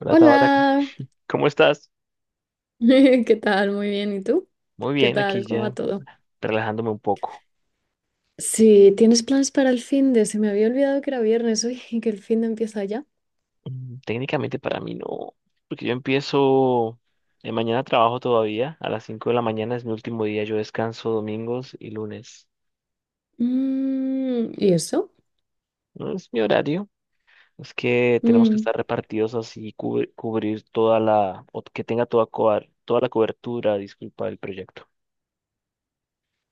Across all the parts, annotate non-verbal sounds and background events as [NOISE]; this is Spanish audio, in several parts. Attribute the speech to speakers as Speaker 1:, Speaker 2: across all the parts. Speaker 1: Hola Tabata,
Speaker 2: Hola,
Speaker 1: ¿cómo estás?
Speaker 2: [LAUGHS] ¿qué tal? Muy bien, ¿y tú?
Speaker 1: Muy
Speaker 2: ¿Qué
Speaker 1: bien,
Speaker 2: tal?
Speaker 1: aquí
Speaker 2: ¿Cómo va
Speaker 1: ya
Speaker 2: todo?
Speaker 1: relajándome un poco.
Speaker 2: Sí, ¿tienes planes para el fin de? Se me había olvidado que era viernes hoy y que el fin de empieza ya.
Speaker 1: Técnicamente para mí no, porque yo empiezo, mañana trabajo todavía, a las 5 de la mañana es mi último día, yo descanso domingos y lunes.
Speaker 2: ¿Y eso?
Speaker 1: No es mi horario, es que tenemos que
Speaker 2: Mm,
Speaker 1: estar repartidos así, cubrir toda la, o que tenga toda, toda la cobertura, disculpa, del proyecto.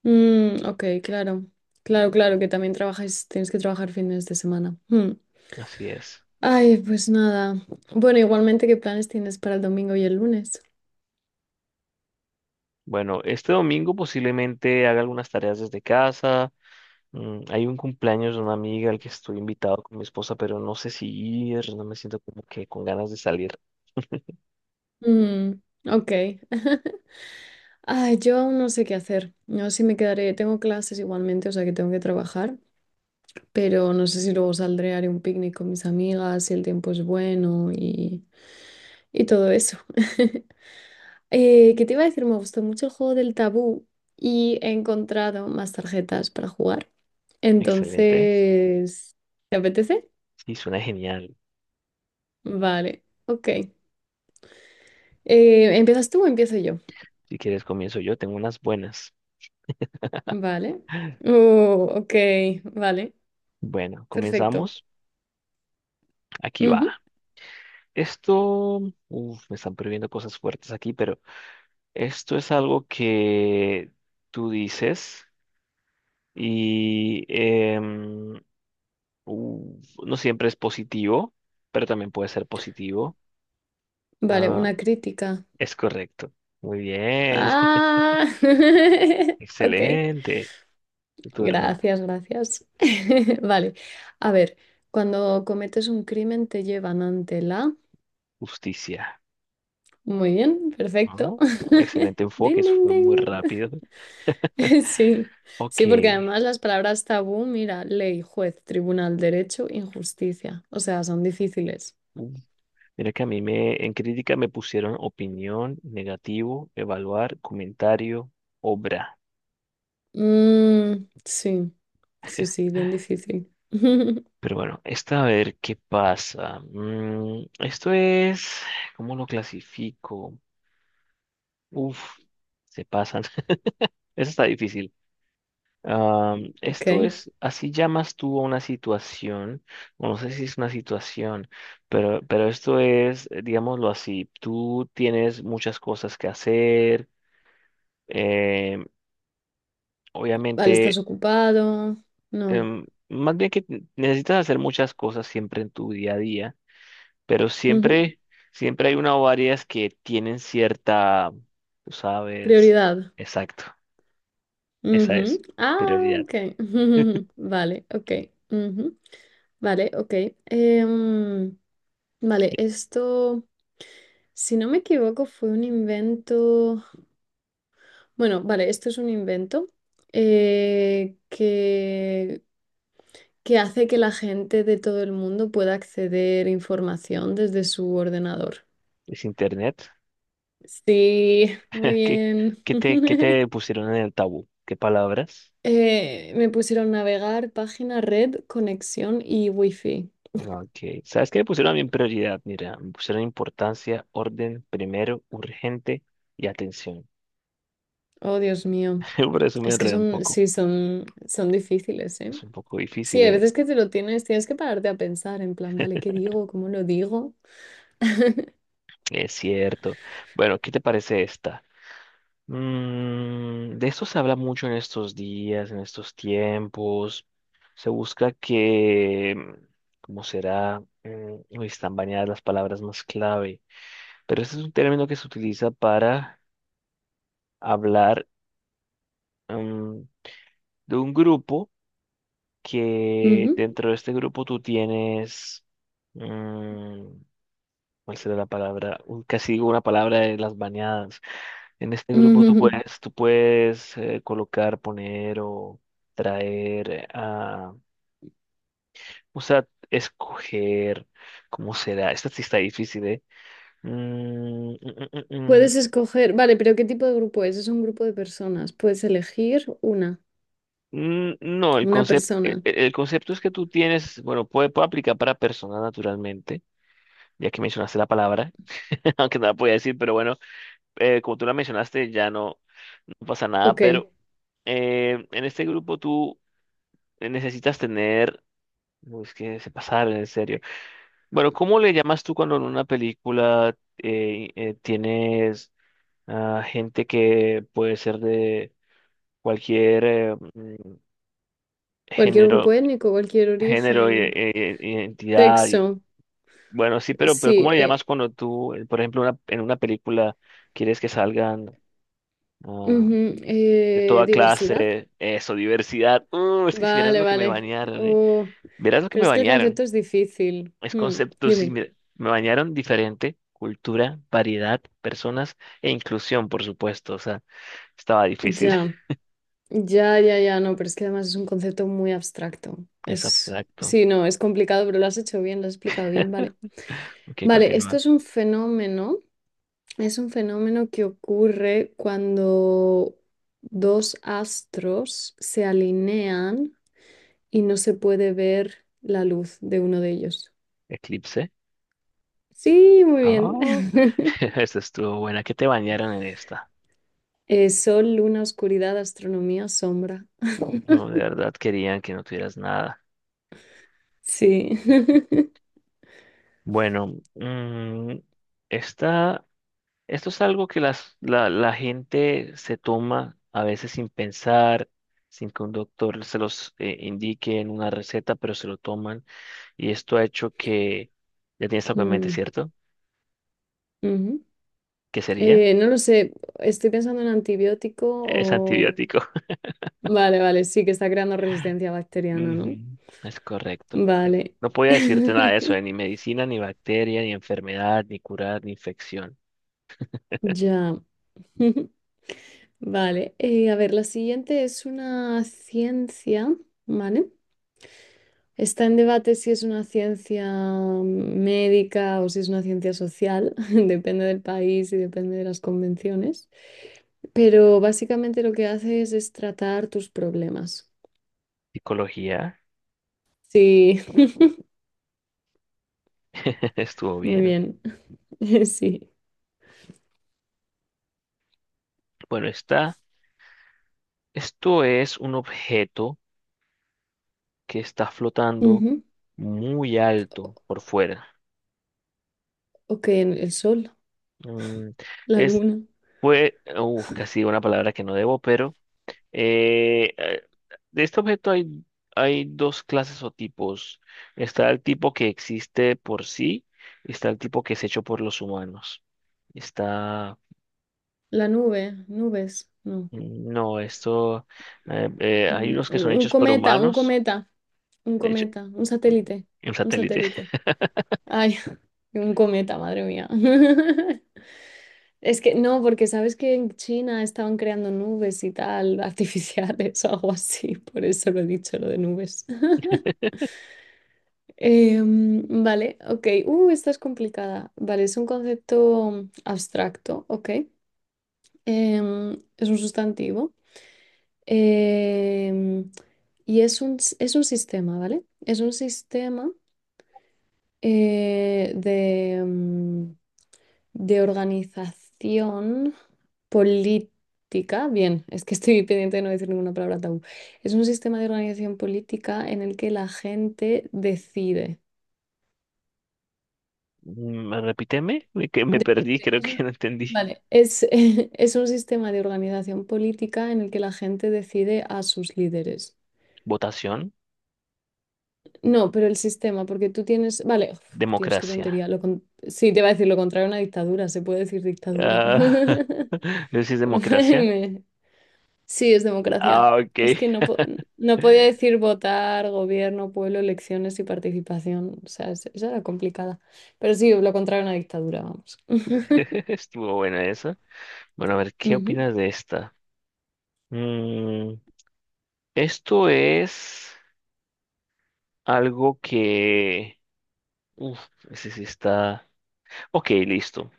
Speaker 2: ok, claro. Claro, claro, que también trabajáis, tienes que trabajar fines de semana. Mm.
Speaker 1: Así es.
Speaker 2: Ay, pues nada. Bueno, igualmente, ¿qué planes tienes para el domingo y el lunes?
Speaker 1: Bueno, este domingo posiblemente haga algunas tareas desde casa. Hay un cumpleaños de una amiga al que estoy invitado con mi esposa, pero no sé si ir, no me siento como que con ganas de salir.
Speaker 2: Mm, ok. [LAUGHS] Ay, yo aún no sé qué hacer. No sé si me quedaré. Tengo clases igualmente, o sea que tengo que trabajar. Pero no sé si luego saldré, haré un picnic con mis amigas, si el tiempo es bueno y todo eso. [LAUGHS] ¿Qué te iba a decir? Me gustó mucho el juego del tabú y he encontrado más tarjetas para jugar.
Speaker 1: Excelente.
Speaker 2: Entonces, ¿te apetece?
Speaker 1: Sí, suena genial.
Speaker 2: Vale, ok. ¿Empiezas tú o empiezo yo?
Speaker 1: Si quieres, comienzo yo, tengo unas buenas.
Speaker 2: Vale. Oh, ok, vale,
Speaker 1: Bueno,
Speaker 2: perfecto.
Speaker 1: comenzamos. Aquí va.
Speaker 2: Ujú.
Speaker 1: Esto, uf, me están prohibiendo cosas fuertes aquí, pero esto es algo que tú dices y no siempre es positivo, pero también puede ser positivo.
Speaker 2: Vale,
Speaker 1: Ah,
Speaker 2: una crítica.
Speaker 1: es correcto. Muy bien. [LAUGHS]
Speaker 2: Ah, [LAUGHS] ok.
Speaker 1: Excelente. Tu turno.
Speaker 2: Gracias, gracias. [LAUGHS] Vale, a ver, cuando cometes un crimen te llevan ante la...
Speaker 1: Justicia.
Speaker 2: Muy bien,
Speaker 1: Ajá.
Speaker 2: perfecto. [LAUGHS]
Speaker 1: Excelente enfoque.
Speaker 2: Ding,
Speaker 1: Eso
Speaker 2: ding,
Speaker 1: fue muy
Speaker 2: ding.
Speaker 1: rápido.
Speaker 2: [LAUGHS] Sí,
Speaker 1: Ok.
Speaker 2: sí, porque además las palabras tabú, mira, ley, juez, tribunal, derecho, injusticia. O sea, son difíciles.
Speaker 1: Mm. Mira que en crítica me pusieron opinión, negativo, evaluar, comentario, obra.
Speaker 2: Mm, sí, sí, sí, bien difícil. [LAUGHS]
Speaker 1: Pero bueno, esta a ver qué pasa. Esto es, ¿cómo lo clasifico? Uf, se pasan. [LAUGHS] Eso está difícil.
Speaker 2: Ok,
Speaker 1: Esto es, así llamas tú a una situación, o no sé si es una situación, pero esto es, digámoslo así, tú tienes muchas cosas que hacer, em,
Speaker 2: vale,
Speaker 1: obviamente,
Speaker 2: ¿estás ocupado? No.
Speaker 1: más bien que necesitas hacer muchas cosas siempre en tu día a día, pero
Speaker 2: Ujú.
Speaker 1: siempre, siempre hay una o varias que tienen cierta, tú sabes,
Speaker 2: Prioridad.
Speaker 1: exacto, esa es,
Speaker 2: Ujú. Ah,
Speaker 1: prioridad.
Speaker 2: ok.
Speaker 1: [LAUGHS]
Speaker 2: [LAUGHS] Vale, ok. Ujú. Vale, ok. Em, vale, esto, si no me equivoco, fue un invento. Bueno, vale, esto es un invento eh, que, que hace que la gente de todo el mundo pueda acceder a información desde su ordenador.
Speaker 1: ¿Es internet?
Speaker 2: Sí, muy
Speaker 1: [LAUGHS] ¿Qué,
Speaker 2: bien.
Speaker 1: ¿qué
Speaker 2: [LAUGHS]
Speaker 1: te pusieron en el tabú? ¿Qué palabras?
Speaker 2: Me pusieron navegar, página, red, conexión y wifi.
Speaker 1: Ah, ok. ¿Sabes qué me pusieron a mí en prioridad? Mira, me pusieron importancia, orden, primero, urgente y atención.
Speaker 2: Oh, Dios mío.
Speaker 1: [LAUGHS] Por eso me
Speaker 2: Es que
Speaker 1: enredé un
Speaker 2: son,
Speaker 1: poco.
Speaker 2: sí, son, son difíciles, ¿eh?
Speaker 1: Es un poco
Speaker 2: Sí,
Speaker 1: difícil,
Speaker 2: hay
Speaker 1: ¿eh?
Speaker 2: veces que te lo tienes, tienes que pararte a pensar en plan, vale, ¿qué digo? ¿Cómo lo digo?
Speaker 1: Es cierto. Bueno, ¿qué te parece esta? De esto se habla mucho en estos días, en estos tiempos. Se busca que, ¿cómo será? Uy, están bañadas las palabras más clave. Pero ese es un término que se utiliza para hablar mm, de un grupo que
Speaker 2: Ujú,
Speaker 1: dentro de este grupo tú tienes, mm, ¿cuál será la palabra? Casi digo una palabra de las bañadas. En este grupo tú
Speaker 2: ujú.
Speaker 1: puedes, tú puedes colocar, poner o traer, o sea, escoger, ¿cómo será? Esta sí está difícil, ¿eh? Mm, mm,
Speaker 2: [LAUGHS]
Speaker 1: mm, mm, mm.
Speaker 2: Puedes escoger, vale, pero ¿qué tipo de grupo es? Es un grupo de personas. Puedes elegir
Speaker 1: No, el
Speaker 2: una
Speaker 1: concepto,
Speaker 2: persona.
Speaker 1: el concepto es que tú tienes, bueno, puede aplicar para personas naturalmente, ya que mencionaste la palabra, [LAUGHS] aunque no la podía decir, pero bueno, como tú la mencionaste, no pasa nada,
Speaker 2: Ok.
Speaker 1: pero en este grupo tú necesitas tener, no, es que se pasaron, en serio. Bueno, ¿cómo le llamas tú cuando en una película tienes gente que puede ser de cualquier
Speaker 2: Cualquier grupo
Speaker 1: género?
Speaker 2: étnico, cualquier
Speaker 1: Género,
Speaker 2: origen,
Speaker 1: identidad, y,
Speaker 2: sexo.
Speaker 1: bueno, sí, pero
Speaker 2: Sí,
Speaker 1: ¿cómo le llamas cuando tú, por ejemplo, en una película quieres que salgan ah,
Speaker 2: ujú,
Speaker 1: de toda
Speaker 2: diversidad.
Speaker 1: clase, eso, ¿diversidad? Es que si vieras
Speaker 2: Vale,
Speaker 1: lo que me
Speaker 2: vale.
Speaker 1: bañaron, ¿eh?
Speaker 2: Oh,
Speaker 1: Verás lo que
Speaker 2: pero
Speaker 1: me
Speaker 2: es que el concepto
Speaker 1: bañaron.
Speaker 2: es difícil.
Speaker 1: Es
Speaker 2: Hmm,
Speaker 1: concepto, sí,
Speaker 2: dime.
Speaker 1: me bañaron diferente, cultura, variedad, personas e inclusión, por supuesto. O sea, estaba difícil.
Speaker 2: Ya.
Speaker 1: [LAUGHS]
Speaker 2: Ya, ya, ya, no, pero es que además es un concepto muy abstracto.
Speaker 1: Es
Speaker 2: Es,
Speaker 1: abstracto.
Speaker 2: sí, no, es complicado, pero lo has hecho bien, lo has explicado bien, vale.
Speaker 1: Ok,
Speaker 2: Vale, esto
Speaker 1: continúa.
Speaker 2: es un fenómeno que ocurre cuando dos astros se alinean y no se puede ver la luz de uno de ellos.
Speaker 1: Eclipse.
Speaker 2: Sí, muy bien.
Speaker 1: Oh, [LAUGHS]
Speaker 2: [LAUGHS]
Speaker 1: esa estuvo buena. ¿Qué te bañaron en esta?
Speaker 2: Sol, luna, oscuridad, astronomía, sombra.
Speaker 1: No,
Speaker 2: [LAUGHS]
Speaker 1: de verdad querían que no tuvieras nada.
Speaker 2: Sí. [LAUGHS]
Speaker 1: Bueno, esta, esto es algo que la gente se toma a veces sin pensar, sin que un doctor se los indique en una receta, pero se lo toman. Y esto ha hecho que, ya tienes algo en mente,
Speaker 2: Mm,
Speaker 1: ¿cierto?
Speaker 2: ujú.
Speaker 1: ¿Qué sería?
Speaker 2: No lo sé, estoy pensando en antibiótico
Speaker 1: Es
Speaker 2: o...
Speaker 1: antibiótico.
Speaker 2: Vale, vale, sí que está creando resistencia
Speaker 1: [LAUGHS]
Speaker 2: bacteriana, ¿no?
Speaker 1: Ujú. Es correcto.
Speaker 2: Vale.
Speaker 1: No podía decirte nada de eso,
Speaker 2: [LAUGHS]
Speaker 1: de ni medicina, ni bacteria, ni enfermedad, ni curar, ni infección.
Speaker 2: Ya. [LAUGHS] Vale. A ver, la siguiente es una ciencia, ¿vale? Está en debate si es una ciencia médica o si es una ciencia social, [LAUGHS] depende del país y depende de las convenciones, pero básicamente lo que haces es tratar tus problemas.
Speaker 1: Psicología,
Speaker 2: Sí,
Speaker 1: [LAUGHS] estuvo
Speaker 2: [LAUGHS] muy
Speaker 1: bien.
Speaker 2: bien. [LAUGHS] Sí.
Speaker 1: Bueno, está. Esto es un objeto que está flotando
Speaker 2: Ujú.
Speaker 1: muy alto por fuera.
Speaker 2: Ok, en el sol,
Speaker 1: Mm,
Speaker 2: la
Speaker 1: es,
Speaker 2: luna,
Speaker 1: fue, uf, casi digo una palabra que no debo, pero eh, eh, de este objeto hay, hay dos clases o tipos. Está el tipo que existe por sí y está el tipo que es hecho por los humanos. Está,
Speaker 2: la nube, nubes, no.
Speaker 1: no, esto, hay
Speaker 2: Mm,
Speaker 1: unos que
Speaker 2: Un
Speaker 1: son
Speaker 2: un
Speaker 1: hechos por
Speaker 2: cometa, un
Speaker 1: humanos,
Speaker 2: cometa, un
Speaker 1: hecho,
Speaker 2: cometa, un satélite,
Speaker 1: un
Speaker 2: un
Speaker 1: satélite.
Speaker 2: satélite. Ay, [LAUGHS] un cometa, madre mía. [LAUGHS] Es que no, porque sabes que en China estaban creando nubes y tal, [LAUGHS] artificiales o algo así, por eso lo he dicho, lo de nubes. [LAUGHS]
Speaker 1: [LAUGHS]
Speaker 2: Vale, ok. Esta es complicada. Vale, es un concepto abstracto, ok. Es un sustantivo. Em, y es un, s- es un sistema, ¿vale? Es un sistema eh, de, mm, de organización política. Bien, es que estoy pendiente de no decir ninguna palabra tabú. Es un sistema de organización política en el que la gente decide.
Speaker 1: Repíteme, que me perdí,
Speaker 2: Decide,
Speaker 1: creo
Speaker 2: es
Speaker 1: que
Speaker 2: un-
Speaker 1: no entendí.
Speaker 2: vale, es, [LAUGHS] es un sistema de organización política en el que la gente decide a sus líderes.
Speaker 1: Votación,
Speaker 2: No, pero el sistema, porque tú tienes. Vale, uf, Dios, qué
Speaker 1: democracia.
Speaker 2: tontería. Sí, te va a decir lo contrario a una dictadura, se puede decir dictadura.
Speaker 1: Ah, [LAUGHS]
Speaker 2: [LAUGHS]
Speaker 1: no sé si es
Speaker 2: Ay,
Speaker 1: democracia.
Speaker 2: me- Sí, es democracia.
Speaker 1: Ah, ok.
Speaker 2: Es que no, no podía
Speaker 1: [LAUGHS]
Speaker 2: decir votar, gobierno, pueblo, elecciones y participación. O sea, esa era complicada. Pero sí, lo contrario a una dictadura, vamos. [LAUGHS]
Speaker 1: Estuvo buena esa. Bueno, a ver, ¿qué
Speaker 2: Ujú,
Speaker 1: opinas de esta? Mm, esto es algo que... Uf, ese sí está... Ok, listo.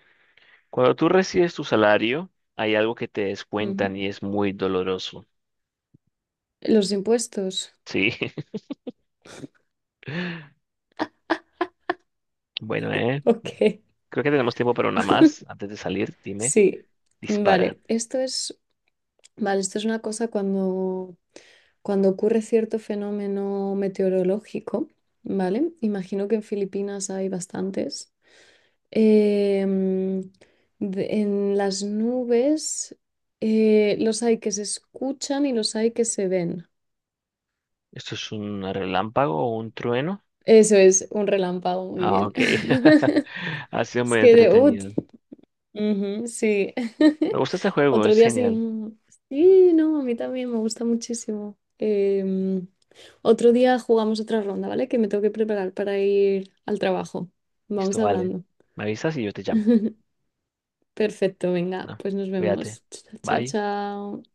Speaker 1: Cuando tú recibes tu salario, hay algo que te
Speaker 2: ujú.
Speaker 1: descuentan y es muy doloroso.
Speaker 2: Los impuestos.
Speaker 1: Sí. [LAUGHS] Bueno,
Speaker 2: [LAUGHS] Ok,
Speaker 1: Creo que tenemos tiempo para una más. Antes de salir, dime,
Speaker 2: sí.
Speaker 1: dispara.
Speaker 2: Vale, esto es. Vale, esto es una cosa cuando ocurre cierto fenómeno meteorológico, ¿vale? Imagino que en Filipinas hay bastantes. em, en las nubes los hay que se escuchan y los hay que se ven.
Speaker 1: ¿Esto es un relámpago o un trueno?
Speaker 2: Eso es un relámpago, muy
Speaker 1: Ah,
Speaker 2: bien.
Speaker 1: ok. [LAUGHS]
Speaker 2: [LAUGHS]
Speaker 1: Ha sido
Speaker 2: Es
Speaker 1: muy
Speaker 2: que de, uh,
Speaker 1: entretenido.
Speaker 2: Ujú, sí.
Speaker 1: Me
Speaker 2: [LAUGHS]
Speaker 1: gusta este juego,
Speaker 2: Otro
Speaker 1: es
Speaker 2: día sí.
Speaker 1: genial.
Speaker 2: Sí, no, a mí también me gusta muchísimo. Otro día jugamos otra ronda, ¿vale? Que me tengo que preparar para ir al trabajo. Vamos
Speaker 1: Listo, vale.
Speaker 2: hablando.
Speaker 1: Me avisas y yo te llamo.
Speaker 2: [LAUGHS] Perfecto, venga,
Speaker 1: ¿No?
Speaker 2: pues nos
Speaker 1: Cuídate.
Speaker 2: vemos. Chao,
Speaker 1: Bye.
Speaker 2: chao.